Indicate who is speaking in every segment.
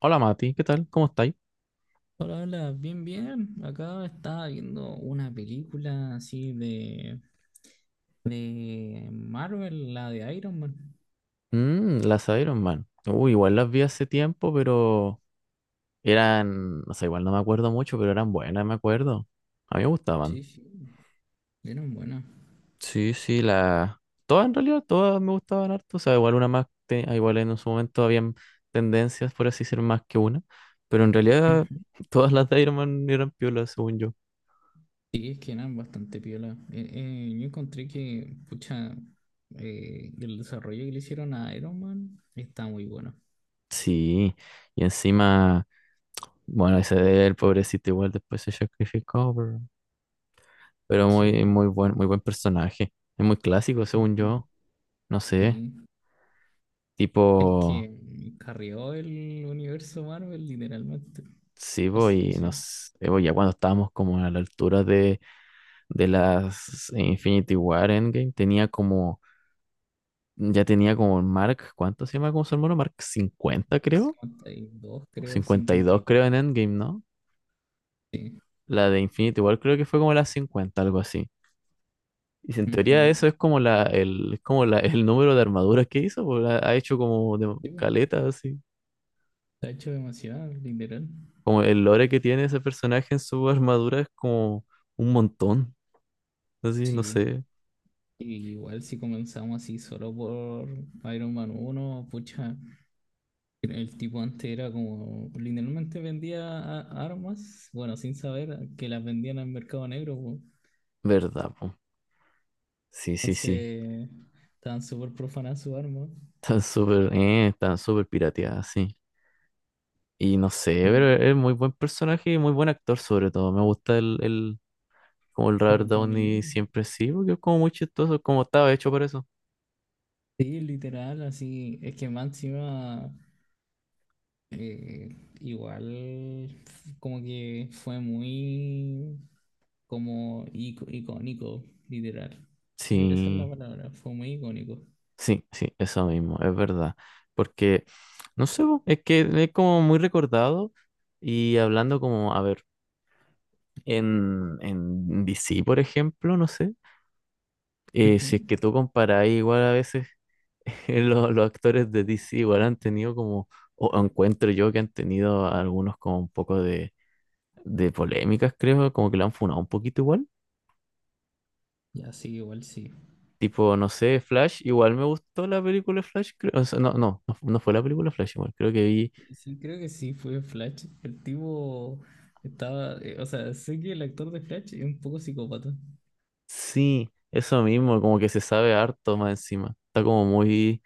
Speaker 1: Hola Mati, ¿qué tal? ¿Cómo estáis?
Speaker 2: Hola, hola, bien, bien. Acá estaba viendo una película así de Marvel, la de Iron Man.
Speaker 1: Mm, las Iron Man. Uy, igual las vi hace tiempo, pero eran, no sé, igual no me acuerdo mucho, pero eran buenas, me acuerdo. A mí me gustaban.
Speaker 2: Sí, sí, eran buenas.
Speaker 1: Sí, sí, las... Todas en realidad, todas me gustaban harto. O sea, igual una más, igual en su momento habían tendencias, por así ser más que una. Pero en realidad
Speaker 2: Ujú.
Speaker 1: todas las de Iron Man eran piolas, según yo.
Speaker 2: Sí, es que eran bastante piola. Yo encontré que, pucha, el desarrollo que le hicieron a Iron Man está muy bueno.
Speaker 1: Sí, y encima, bueno, ese de él, pobrecito, igual después se sacrificó, pero muy,
Speaker 2: Sí,
Speaker 1: muy buen personaje. Es muy clásico, según
Speaker 2: ujú,
Speaker 1: yo. No sé,
Speaker 2: sí. Es
Speaker 1: tipo,
Speaker 2: que carrió el universo Marvel literalmente.
Speaker 1: sí, po, y
Speaker 2: Sí,
Speaker 1: nos, po, ya cuando estábamos como a la altura de las Infinity War Endgame, tenía como, ya tenía como el Mark, ¿cuánto se llama como su hermano? Mark 50 creo,
Speaker 2: 52
Speaker 1: o
Speaker 2: creo,
Speaker 1: 52
Speaker 2: 52.
Speaker 1: creo, en Endgame, ¿no?
Speaker 2: Sí.
Speaker 1: La de Infinity War creo que fue como la 50 algo así. Y si en teoría
Speaker 2: Ujú.
Speaker 1: eso es como la, el, es como la, el número de armaduras que hizo, po, ha hecho como de
Speaker 2: Sí, po.
Speaker 1: caleta, así.
Speaker 2: Está hecho demasiado, literal.
Speaker 1: Como el lore que tiene ese personaje en su armadura es como un montón. Así, no
Speaker 2: Sí.
Speaker 1: sé.
Speaker 2: Y igual si comenzamos así solo por Iron Man uno pucha, el tipo antes era como, literalmente vendía armas, bueno, sin saber que las vendían al mercado negro, po.
Speaker 1: ¿Verdad, po? Sí, sí, sí.
Speaker 2: Entonces, estaban súper profanadas sus armas.
Speaker 1: Están súper pirateadas, sí. Y no sé,
Speaker 2: Y
Speaker 1: pero es muy buen personaje y muy buen actor sobre todo. Me gusta el, como el Robert
Speaker 2: Robert Downey
Speaker 1: Downey
Speaker 2: Jr.
Speaker 1: siempre sí, porque es como muy chistoso, como estaba hecho para eso.
Speaker 2: Sí, literal, así, es que máxima, eh, igual, como que fue muy como icónico, literal. Esa es la
Speaker 1: Sí,
Speaker 2: palabra, fue muy icónico.
Speaker 1: sí, sí, eso mismo, es verdad. Porque, no sé, po, es que es como muy recordado y hablando como, a ver. En DC, por ejemplo, no sé.
Speaker 2: Ujú.
Speaker 1: Si es que tú comparas igual a veces los actores de DC igual han tenido como, o encuentro yo que han tenido algunos como un poco de polémicas, creo, como que la han funado un poquito igual.
Speaker 2: Ya sí, igual sí.
Speaker 1: Tipo, no sé, Flash, igual me gustó la película Flash, creo, o sea, no, no, no fue la película Flash, igual, creo que vi,
Speaker 2: Sí, sí, creo que sí, fue Flash. El tipo estaba, o sea, sé que el actor de Flash es un poco psicópata.
Speaker 1: sí, eso mismo, como que se sabe harto más encima, está como muy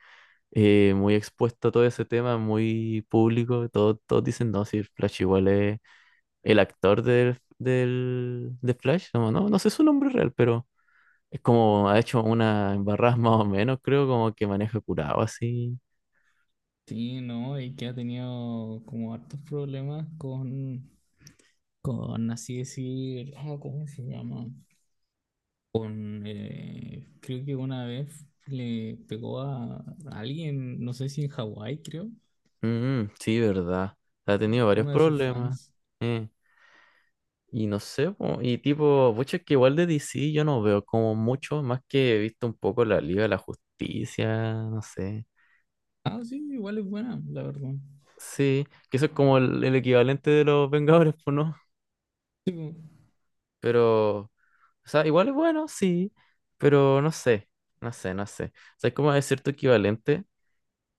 Speaker 1: muy expuesto a todo ese tema, muy público. Todos, todos dicen, no, si Flash igual es el actor del, del, de Flash, como, no, no sé su nombre real, pero es como ha hecho una embarrada más o menos, creo, como que maneja curado así.
Speaker 2: Sí, no, y que ha tenido como hartos problemas con así decir, ah, ¿cómo se llama? Con, creo que una vez le pegó a alguien, no sé si en Hawái, creo,
Speaker 1: Mm, sí, verdad. Ha tenido
Speaker 2: a
Speaker 1: varios
Speaker 2: uno de sus
Speaker 1: problemas.
Speaker 2: fans.
Speaker 1: eh, Y no sé, po, y tipo, pucha, es que igual de DC yo no veo como mucho, más que he visto un poco la Liga de la Justicia, no sé.
Speaker 2: Ah, sí, igual es buena, la verdad.
Speaker 1: Sí, que eso es como el equivalente de los Vengadores, pues no.
Speaker 2: Sí, po.
Speaker 1: Pero, o sea, igual es bueno, sí, pero no sé, no sé, no sé. O sea, es como de cierto equivalente.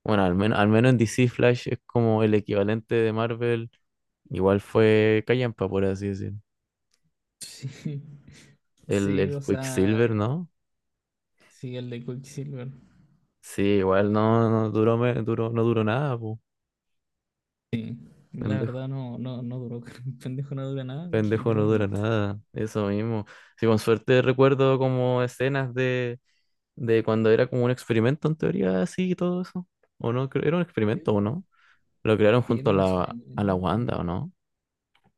Speaker 1: Bueno, al menos en DC Flash es como el equivalente de Marvel. Igual fue Callampa, por así decirlo.
Speaker 2: sí, sí,
Speaker 1: El
Speaker 2: o
Speaker 1: Quicksilver,
Speaker 2: sea,
Speaker 1: ¿no?
Speaker 2: sí, el de Quicksilver.
Speaker 1: Sí, igual no, no duró, duró, no duró nada,
Speaker 2: La
Speaker 1: pues.
Speaker 2: verdad no, no, no duró, el pendejo no dura nada,
Speaker 1: Pendejo no dura
Speaker 2: literalmente.
Speaker 1: nada, eso mismo. Sí, con suerte recuerdo como escenas de cuando era como un experimento en teoría, así y todo eso. ¿O no? Era un
Speaker 2: Sí,
Speaker 1: experimento, ¿o
Speaker 2: po.
Speaker 1: no? Lo crearon
Speaker 2: Sí,
Speaker 1: junto
Speaker 2: era un experimento.
Speaker 1: a la Wanda, ¿o no?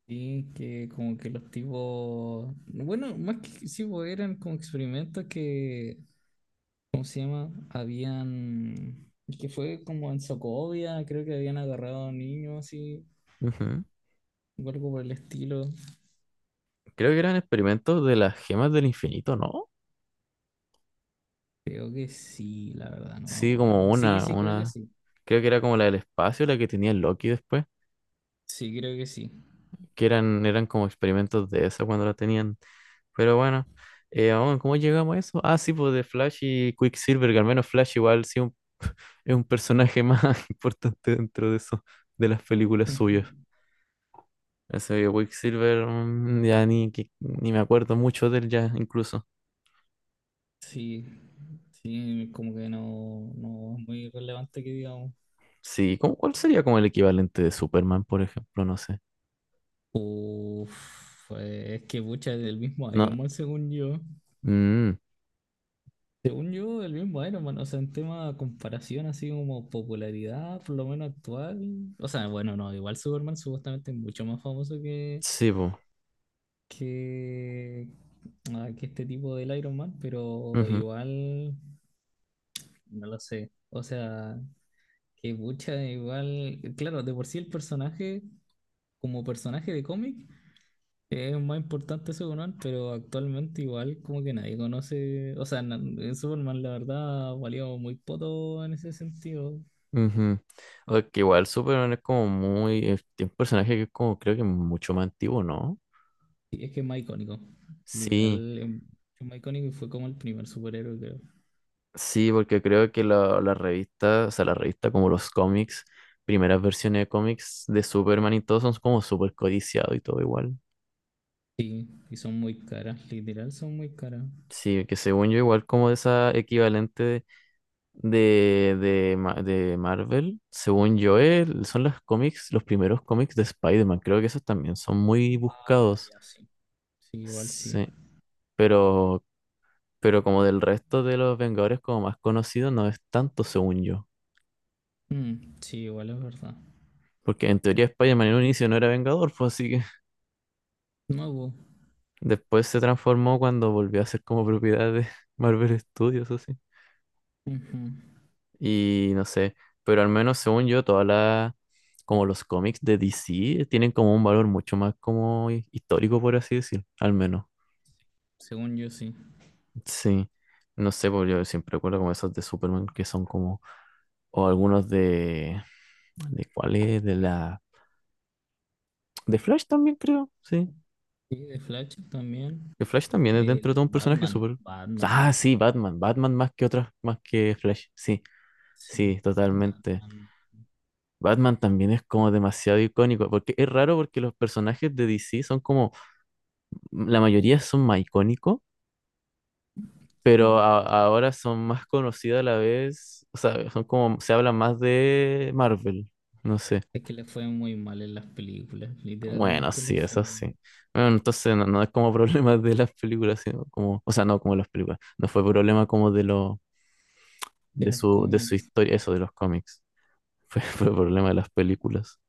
Speaker 2: Sí, que como que los tipos, bueno, más que sí, po, eran como experimentos que, ¿cómo se llama? Habían, que fue como en Socovia, creo que habían agarrado a niños así,
Speaker 1: Ujú.
Speaker 2: o algo por el estilo.
Speaker 1: Creo que eran experimentos de las gemas del infinito, ¿no?
Speaker 2: Creo que sí, la verdad, no me
Speaker 1: Sí, como
Speaker 2: acuerdo. Sí,
Speaker 1: una,
Speaker 2: sí, creo que
Speaker 1: una.
Speaker 2: sí.
Speaker 1: Creo que era como la del espacio, la que tenía Loki después.
Speaker 2: Sí, creo que sí.
Speaker 1: Que eran, eran como experimentos de esa cuando la tenían. Pero bueno, aún, ¿cómo llegamos a eso? Ah, sí, pues de Flash y Quicksilver, que al menos Flash igual sí es un personaje más importante dentro de eso, de las películas suyas.
Speaker 2: Ujú.
Speaker 1: Ese de Quicksilver, mm, ya ni, ni me acuerdo mucho de él ya, incluso.
Speaker 2: Sí, sí, como que no, no es muy relevante que digamos.
Speaker 1: Sí, ¿cuál sería como el equivalente de Superman, por ejemplo? No sé.
Speaker 2: Uf, es que pucha, es del mismo Iron
Speaker 1: No,
Speaker 2: Man, según yo.
Speaker 1: mm,
Speaker 2: Según yo, el mismo Iron Man, o sea, en tema de comparación, así como popularidad, por lo menos actual. O sea, bueno, no, igual Superman supuestamente es mucho más famoso que,
Speaker 1: sí, pues.
Speaker 2: que, que este tipo del Iron Man, pero
Speaker 1: Ujú,
Speaker 2: igual. No lo sé. O sea, que mucha igual. Claro, de por sí el personaje, como personaje de cómic, es más importante Superman, pero actualmente igual como que nadie conoce. O sea, en Superman la verdad valió muy poco en ese sentido.
Speaker 1: ujú. O que igual Superman es como muy, es un personaje que es como, creo que mucho más antiguo, ¿no?
Speaker 2: Y es que es más icónico.
Speaker 1: Sí.
Speaker 2: Literal, es más icónico y fue como el primer superhéroe, creo.
Speaker 1: Sí, porque creo que la revista, o sea, la revista como los cómics, primeras versiones de cómics de Superman y todo son como súper codiciados y todo igual.
Speaker 2: Sí, y son muy caras, literal son muy caras.
Speaker 1: Sí, que según yo igual como esa equivalente de, de Marvel, según yo son los cómics, los primeros cómics de Spider-Man, creo que esos también son muy
Speaker 2: Ah,
Speaker 1: buscados.
Speaker 2: ya, sí. Sí, igual sí.
Speaker 1: Sí, pero, pero como del resto de los Vengadores como más conocidos no es tanto según yo.
Speaker 2: Mm, sí, igual es verdad.
Speaker 1: Porque en teoría Spider-Man en un inicio no era Vengador, pues así.
Speaker 2: No hubo.
Speaker 1: Después se transformó cuando volvió a ser como propiedad de Marvel Studios, así.
Speaker 2: Ujú.
Speaker 1: Y no sé, pero al menos según yo, todas las, como los cómics de DC tienen como un valor mucho más como histórico, por así decir, al menos.
Speaker 2: Según yo sí.
Speaker 1: Sí, no sé, porque yo siempre recuerdo como esos de Superman que son como, o algunos ¿de cuál es? De la, de Flash también creo, sí.
Speaker 2: Sí, de Flash también.
Speaker 1: Que Flash también es dentro de
Speaker 2: El
Speaker 1: todo un personaje
Speaker 2: Batman.
Speaker 1: súper... Ah,
Speaker 2: Batman.
Speaker 1: sí, Batman, Batman más que otras, más que Flash, sí.
Speaker 2: Sí.
Speaker 1: Sí, totalmente.
Speaker 2: Batman.
Speaker 1: Batman también es como demasiado icónico, porque es raro porque los personajes de DC son como, mm, la mayoría son más icónicos,
Speaker 2: Sí.
Speaker 1: pero ahora son más conocidos a la vez, o sea, son como, se habla más de Marvel, no sé.
Speaker 2: Es que le fue muy mal en las películas.
Speaker 1: Bueno,
Speaker 2: Literalmente le
Speaker 1: sí, eso
Speaker 2: fue
Speaker 1: sí. Bueno, entonces no, no es como problema de las películas, sino como, o sea, no como las películas, no fue problema como de lo,
Speaker 2: de los
Speaker 1: de su
Speaker 2: cómics.
Speaker 1: historia, eso de los cómics, fue, fue problema de las películas.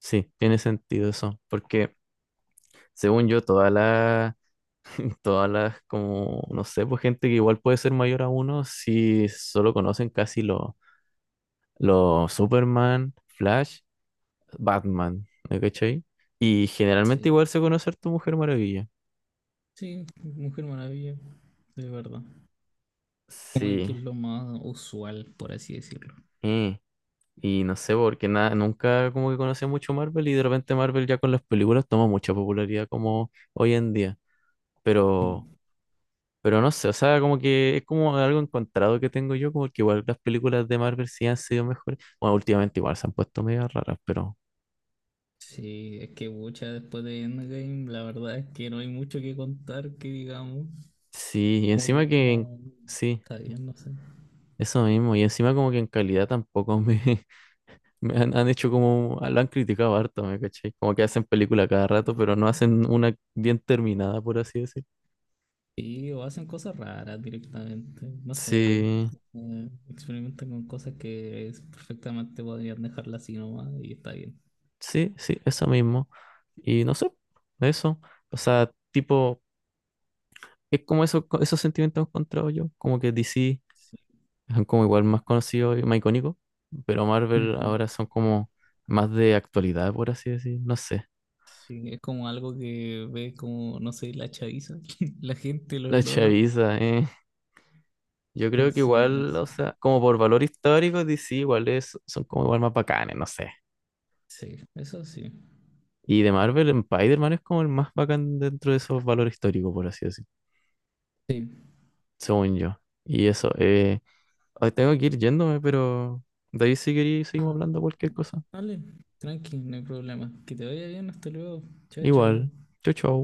Speaker 1: Sí, tiene sentido eso, porque según yo, todas las, como, no sé, pues gente que igual puede ser mayor a uno, si solo conocen casi los Superman, Flash, Batman, ¿me cachai? Y generalmente
Speaker 2: Sí.
Speaker 1: igual se conoce a tu Mujer Maravilla.
Speaker 2: Sí, Mujer Maravilla. De verdad. Como que
Speaker 1: Sí,
Speaker 2: es lo más usual, por así decirlo.
Speaker 1: eh, Y no sé, porque nada, nunca como que conocí mucho Marvel y de repente Marvel ya con las películas toma mucha popularidad como hoy en día. Pero
Speaker 2: Sí.
Speaker 1: Pero no sé, o sea, como que es como algo encontrado que tengo yo, como que igual las películas de Marvel sí han sido mejores. Bueno, últimamente igual se han puesto medio raras, pero
Speaker 2: Sí, es que mucha después de Endgame, la verdad es que no hay mucho que contar que digamos.
Speaker 1: sí, y
Speaker 2: Como que
Speaker 1: encima
Speaker 2: es
Speaker 1: que,
Speaker 2: como.
Speaker 1: sí,
Speaker 2: Está bien, no sé.
Speaker 1: eso mismo, y encima como que en calidad tampoco me, me han, han hecho como, lo han criticado harto, ¿me caché? Como que hacen película cada
Speaker 2: Sí.
Speaker 1: rato, pero no hacen una bien terminada, por así decir.
Speaker 2: Sí, o hacen cosas raras directamente, no sé,
Speaker 1: Sí,
Speaker 2: experimentan con cosas que perfectamente podrían dejarla así nomás y está bien.
Speaker 1: sí, sí, eso mismo. Y no sé, eso, o sea, tipo, es como eso, esos sentimientos encontrados yo, como que DC
Speaker 2: Sí,
Speaker 1: son como igual más conocidos y más icónicos, pero Marvel
Speaker 2: ujú.
Speaker 1: ahora son como más de actualidad, por así decir, no sé.
Speaker 2: Sí, es como algo que ve como, no sé, la chaviza, la gente, los
Speaker 1: La
Speaker 2: lolos.
Speaker 1: chaviza, eh. Yo creo que
Speaker 2: Entonces, no
Speaker 1: igual, o
Speaker 2: sé.
Speaker 1: sea, como por valor histórico, DC igual son como igual más bacanes, no sé.
Speaker 2: Sí, eso sí.
Speaker 1: Y de Marvel, Spider-Man es como el más bacán dentro de esos valores históricos, por así decir,
Speaker 2: Sí.
Speaker 1: según yo. Y eso, ay, tengo que ir yéndome, pero de ahí si queréis seguimos
Speaker 2: Ah,
Speaker 1: hablando cualquier cosa.
Speaker 2: vale, tranqui, no hay problema. Que te vaya bien, hasta luego. Chao,
Speaker 1: Igual,
Speaker 2: chao.
Speaker 1: chau chau.